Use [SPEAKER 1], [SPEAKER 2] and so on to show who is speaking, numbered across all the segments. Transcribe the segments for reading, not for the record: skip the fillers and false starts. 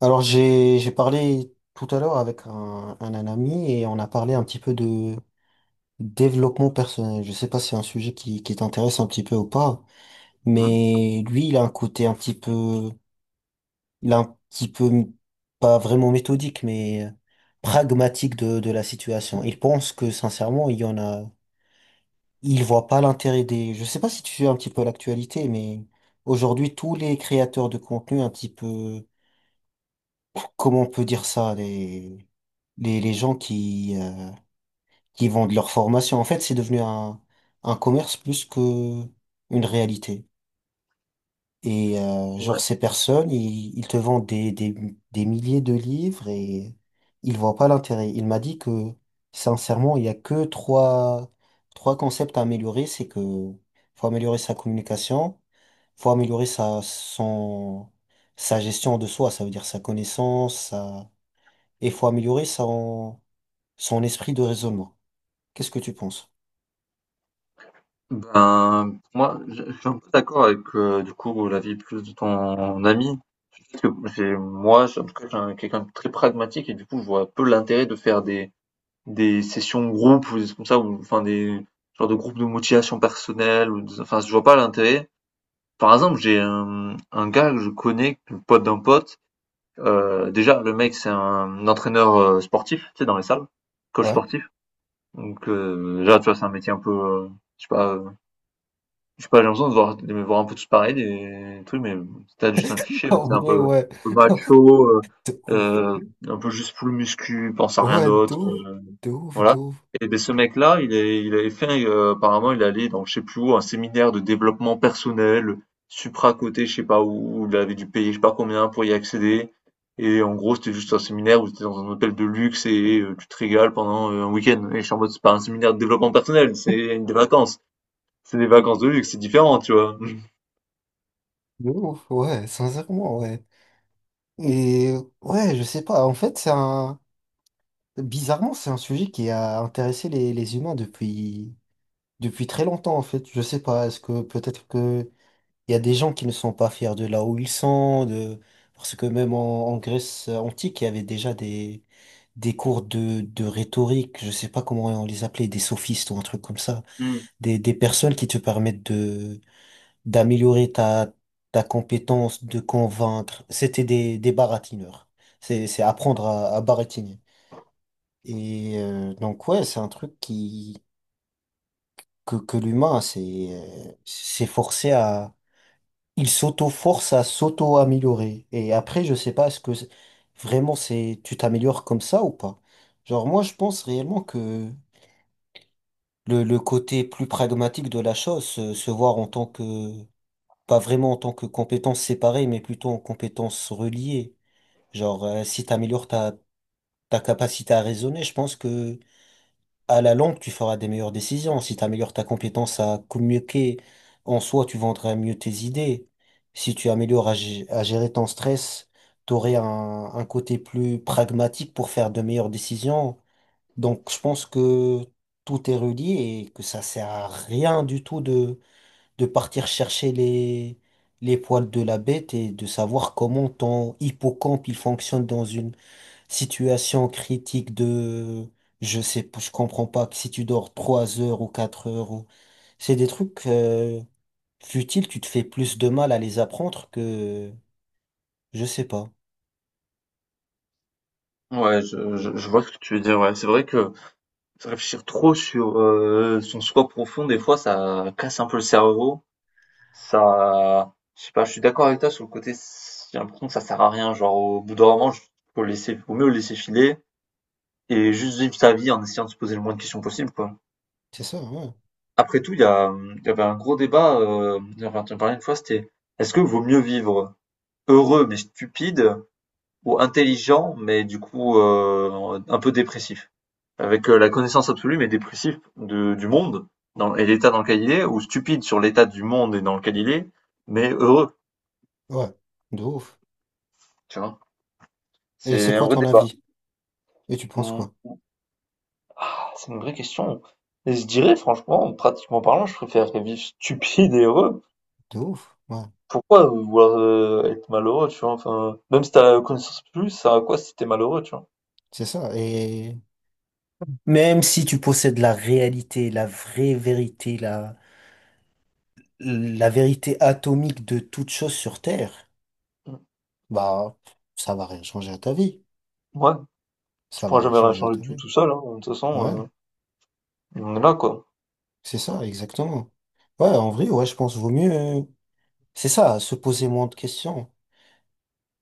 [SPEAKER 1] Alors j'ai parlé tout à l'heure avec un ami et on a parlé un petit peu de développement personnel. Je sais pas si c'est un sujet qui t'intéresse un petit peu ou pas,
[SPEAKER 2] Mmh.
[SPEAKER 1] mais lui il a un côté un petit peu il a un petit peu pas vraiment méthodique mais pragmatique de la situation. Il pense que sincèrement il y en a il voit pas l'intérêt des. Je sais pas si tu suis un petit peu l'actualité, mais aujourd'hui tous les créateurs de contenu un petit peu comment on peut dire ça, les gens qui qui vendent leur formation. En fait, c'est devenu un commerce plus que une réalité. Et genre,
[SPEAKER 2] Ouais.
[SPEAKER 1] ces personnes, ils te vendent des milliers de livres et ils voient pas l'intérêt. Il m'a dit que, sincèrement, il y a que trois concepts à améliorer. C'est que faut améliorer sa communication, faut améliorer sa sa gestion de soi, ça veut dire sa connaissance, et il faut améliorer son esprit de raisonnement. Qu'est-ce que tu penses?
[SPEAKER 2] Ben, pour moi, je suis un peu d'accord avec du coup l'avis plus de ton ami, parce que en tout cas, quelqu'un de très pragmatique et du coup, je vois peu l'intérêt de faire des sessions groupes ou des choses comme ça, ou enfin des genre de groupes de motivation personnelle enfin, je vois pas l'intérêt. Par exemple, j'ai un gars que je connais, le pote d'un pote. Déjà, le mec, c'est un entraîneur sportif, tu sais, dans les salles, coach
[SPEAKER 1] Ouais.
[SPEAKER 2] sportif. Donc déjà, tu vois, c'est un métier un peu, je sais pas je sais pas, j'ai l'impression de voir de me voir un peu tous pareils, des trucs, mais c'était juste un cliché, mais
[SPEAKER 1] En
[SPEAKER 2] tu
[SPEAKER 1] vrai,
[SPEAKER 2] un
[SPEAKER 1] ouais.
[SPEAKER 2] peu macho,
[SPEAKER 1] De ouf.
[SPEAKER 2] heu, un peu juste full muscu, pense à rien
[SPEAKER 1] Ouais, de
[SPEAKER 2] d'autre,
[SPEAKER 1] ouf, de ouf, de
[SPEAKER 2] voilà.
[SPEAKER 1] ouf,
[SPEAKER 2] Et ben ce mec-là, il avait fait, apparemment il allait dans je sais plus où, un séminaire de développement personnel, supra-coté, je sais pas où, il avait dû payer je sais pas combien pour y accéder et en gros, c'était juste un séminaire où tu étais dans un hôtel de luxe et tu te régales pendant, un week-end et je suis en mode: «C'est pas un séminaire de développement personnel, c'est des vacances». C'est des vacances de luxe, c'est différent, tu vois?
[SPEAKER 1] de ouf. Ouais, sincèrement, ouais. Et ouais, je sais pas. En fait, c'est un. Bizarrement, c'est un sujet qui a intéressé les humains depuis, depuis très longtemps, en fait. Je sais pas. Est-ce que peut-être que il y a des gens qui ne sont pas fiers de là où ils sont, de, parce que même en Grèce antique, il y avait déjà des cours de rhétorique, je sais pas comment on les appelait, des sophistes ou un truc comme ça,
[SPEAKER 2] Mmh.
[SPEAKER 1] des personnes qui te permettent de d'améliorer ta compétence, de convaincre. C'était des baratineurs. C'est apprendre à baratiner. Et donc ouais, c'est un truc qui que l'humain s'est s'est forcé à il s'auto-force à s'auto-améliorer. Et après, je sais pas, est-ce que vraiment c'est tu t'améliores comme ça ou pas? Genre moi, je pense réellement que le côté plus pragmatique de la chose, se voir en tant que, pas vraiment en tant que compétences séparées, mais plutôt en compétences reliées. Genre, si t'améliores ta capacité à raisonner, je pense que à la longue, tu feras des meilleures décisions. Si tu améliores ta compétence à communiquer, en soi, tu vendras mieux tes idées. Si tu améliores à gérer ton stress, tu aurais un côté plus pragmatique pour faire de meilleures décisions. Donc, je pense que tout est relié et que ça sert à rien du tout de partir chercher les poils de la bête et de savoir comment ton hippocampe il fonctionne dans une situation critique de, je sais, pas, je comprends pas que si tu dors trois heures ou quatre heures ou, c'est des trucs futiles, tu te fais plus de mal à les apprendre que, je sais pas.
[SPEAKER 2] Ouais, je vois ce que tu veux dire. Ouais, c'est vrai que réfléchir trop sur son soi profond, des fois, ça casse un peu le cerveau. Ça, je sais pas, je suis d'accord avec toi sur le côté. J'ai l'impression que ça sert à rien. Genre, au bout d'un moment, faut laisser, faut mieux le laisser filer et juste vivre sa vie en essayant de se poser le moins de questions possible, quoi.
[SPEAKER 1] C'est ça, ouais.
[SPEAKER 2] Après tout, il y a, il y avait un gros débat. J'en parlais une fois, c'était est-ce que vaut mieux vivre heureux mais stupide ou intelligent, mais du coup un peu dépressif, avec la connaissance absolue mais dépressif de, du monde dans, et l'état dans lequel il est, ou stupide sur l'état du monde et dans lequel il est, mais heureux,
[SPEAKER 1] Ouais, de ouf.
[SPEAKER 2] tu vois.
[SPEAKER 1] Et c'est
[SPEAKER 2] C'est un
[SPEAKER 1] quoi
[SPEAKER 2] vrai
[SPEAKER 1] ton
[SPEAKER 2] débat.
[SPEAKER 1] avis? Et tu penses
[SPEAKER 2] Hmm.
[SPEAKER 1] quoi?
[SPEAKER 2] Ah, c'est une vraie question. Et je dirais, franchement, pratiquement parlant, je préfère vivre stupide et heureux.
[SPEAKER 1] De ouf, ouais.
[SPEAKER 2] Pourquoi vouloir être malheureux, tu vois? Enfin, même si t'as la connaissance plus, ça à quoi si t'es malheureux, tu vois?
[SPEAKER 1] C'est ça. Et même si tu possèdes la réalité, la vraie vérité, la vérité atomique de toute chose sur Terre,
[SPEAKER 2] Hmm.
[SPEAKER 1] bah, ça va rien changer à ta vie.
[SPEAKER 2] Ouais, tu
[SPEAKER 1] Ça va
[SPEAKER 2] pourras
[SPEAKER 1] rien
[SPEAKER 2] jamais rien
[SPEAKER 1] changer à
[SPEAKER 2] changer
[SPEAKER 1] ta vie.
[SPEAKER 2] tout seul, hein. De toute
[SPEAKER 1] Ouais,
[SPEAKER 2] façon, on est là, quoi.
[SPEAKER 1] c'est ça, exactement. Ouais, en vrai, ouais, je pense vaut mieux. C'est ça, se poser moins de questions.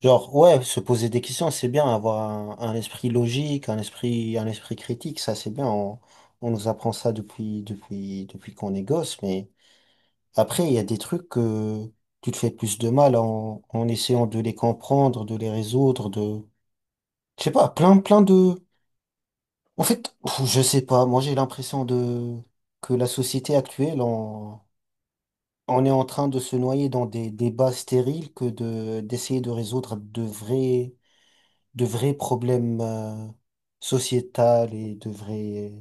[SPEAKER 1] Genre, ouais, se poser des questions, c'est bien, avoir un esprit logique, un esprit critique, ça c'est bien. On nous apprend ça depuis qu'on est gosse, mais après, il y a des trucs que tu te fais plus de mal en essayant de les comprendre, de les résoudre, de, je sais pas, plein de. En fait, pff, je sais pas, moi j'ai l'impression de que la société actuelle, on est en train de se noyer dans des débats stériles que de d'essayer de résoudre de vrais problèmes sociétals et de vrais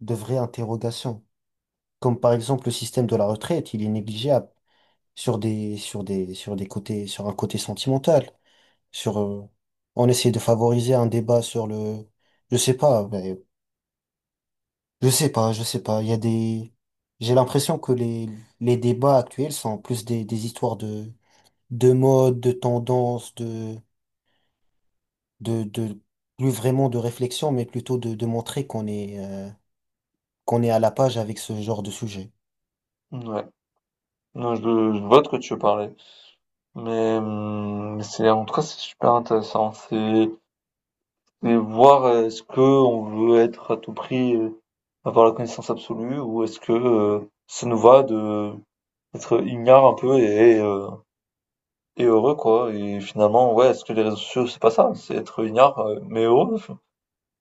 [SPEAKER 1] de vraies interrogations. Comme par exemple le système de la retraite, il est négligeable sur des côtés sur un côté sentimental. Sur on essaie de favoriser un débat sur le je sais pas ben, je sais pas il y a des j'ai l'impression que les débats actuels sont plus des histoires de mode, de tendance, de plus vraiment de réflexion, mais plutôt de montrer qu'on est à la page avec ce genre de sujet.
[SPEAKER 2] Ouais. Non, je vois de quoi tu veux parler. Mais c'est en tout cas c'est super intéressant. C'est voir est-ce que on veut être à tout prix avoir la connaissance absolue ou est-ce que ça nous va de être ignare un peu et heureux quoi. Et finalement ouais est-ce que les réseaux sociaux c'est pas ça, c'est être ignare mais heureux, enfin,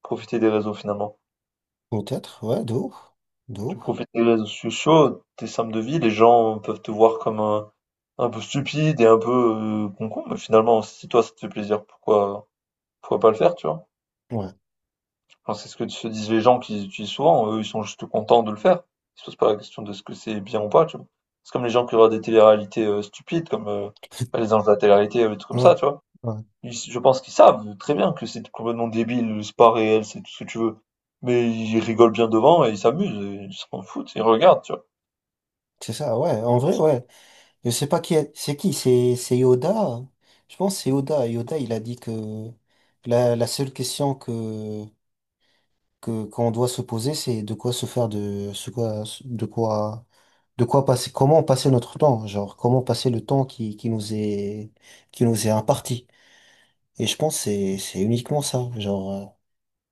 [SPEAKER 2] profiter des réseaux finalement.
[SPEAKER 1] Peut-être, ouais, de ouf, de
[SPEAKER 2] Tu
[SPEAKER 1] ouf.
[SPEAKER 2] profites des réseaux sociaux, tes sommes de vie, les gens peuvent te voir comme un peu stupide et un peu, con-con, mais finalement, si toi ça te fait plaisir, pourquoi pas le faire, tu vois?
[SPEAKER 1] Ouais,
[SPEAKER 2] Enfin, c'est ce que se disent les gens qui les utilisent souvent, eux, ils sont juste contents de le faire. Ils se posent pas la question de ce que c'est bien ou pas, tu vois? C'est comme les gens qui regardent des téléréalités, stupides comme, bah, Les Anges de la télé-réalité, des trucs comme ça,
[SPEAKER 1] ouais,
[SPEAKER 2] tu vois?
[SPEAKER 1] ouais.
[SPEAKER 2] Ils Je pense qu'ils savent très bien que c'est complètement débile, c'est pas réel, c'est tout ce que tu veux, mais ils rigolent bien devant et ils s'amusent et ils s'en foutent, ils regardent, tu vois?
[SPEAKER 1] C'est ça, ouais, en vrai, ouais. Je sais pas qui est, c'est qui, c'est Yoda, hein. Je pense que c'est Yoda. Yoda, il a dit que la seule question que qu'on doit se poser, c'est de quoi se faire de ce quoi de quoi de quoi passer comment passer notre temps, genre comment passer le temps qui nous est imparti. Et je pense que c'est uniquement ça, genre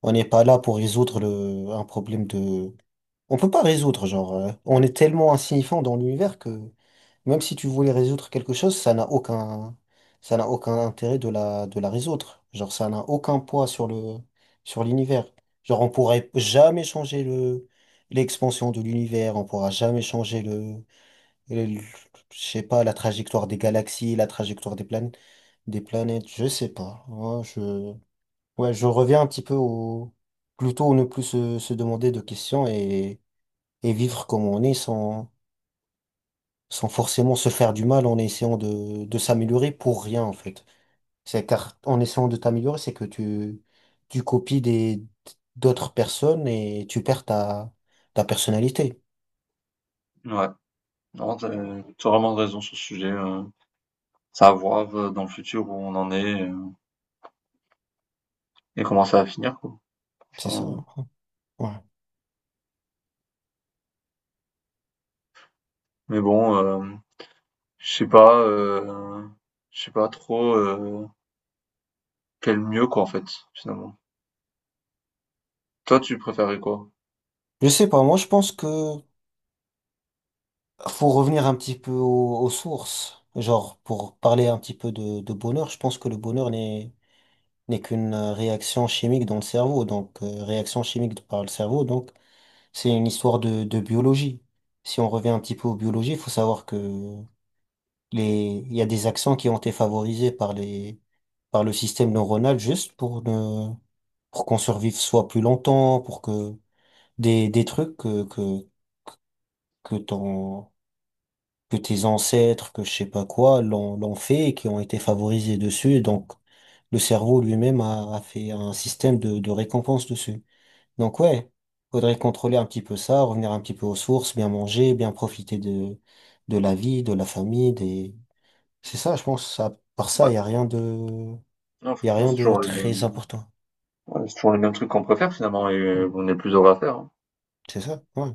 [SPEAKER 1] on n'est pas là pour résoudre le un problème de on peut pas résoudre genre on est tellement insignifiant dans l'univers que même si tu voulais résoudre quelque chose, ça n'a aucun intérêt de de la résoudre. Genre, ça n'a aucun poids sur le, sur l'univers. Genre, on pourrait jamais changer le, l'expansion de l'univers, on pourra jamais changer le- le- je sais pas, la trajectoire des galaxies, la trajectoire des planètes, je sais pas. Ouais, je reviens un petit peu au, plutôt ne plus se demander de questions et vivre comme on est sans forcément se faire du mal en essayant de s'améliorer pour rien en fait. C'est car en essayant de t'améliorer, c'est que tu copies des d'autres personnes et tu perds ta personnalité.
[SPEAKER 2] Ouais, non, t'as as vraiment raison sur ce sujet, c'est à voir, dans le futur où on en est. Et comment ça va finir, quoi.
[SPEAKER 1] C'est ça,
[SPEAKER 2] Enfin,
[SPEAKER 1] hein. Ouais.
[SPEAKER 2] mais bon, je sais pas, euh, je sais pas trop quel mieux, quoi, en fait, finalement. Toi, tu préférais quoi?
[SPEAKER 1] Je sais pas, moi je pense que faut revenir un petit peu aux sources. Genre, pour parler un petit peu de bonheur, je pense que le bonheur n'est n'est qu'une réaction chimique dans le cerveau, donc réaction chimique par le cerveau, donc c'est une histoire de biologie. Si on revient un petit peu aux biologies, il faut savoir que les, il y a des accents qui ont été favorisés par les, par le système neuronal juste pour ne, pour qu'on survive soit plus longtemps, pour que des, des trucs que, que, que ton, que tes ancêtres, que je sais pas quoi, l'ont fait et qui ont été favorisés dessus. Et donc, le cerveau lui-même a fait un système de récompense dessus. Donc ouais, faudrait contrôler un petit peu ça, revenir un petit peu aux sources, bien manger, bien profiter de la vie, de la famille, des. C'est ça, je pense, ça, par ça,
[SPEAKER 2] Ouais.
[SPEAKER 1] il y a rien de,
[SPEAKER 2] Non,
[SPEAKER 1] il y a
[SPEAKER 2] franchement,
[SPEAKER 1] rien
[SPEAKER 2] c'est
[SPEAKER 1] de
[SPEAKER 2] toujours les
[SPEAKER 1] très
[SPEAKER 2] mêmes,
[SPEAKER 1] important.
[SPEAKER 2] ouais, c'est toujours les mêmes trucs qu'on préfère, finalement, et on est plus heureux à faire. Hein.
[SPEAKER 1] C'est ça, ouais.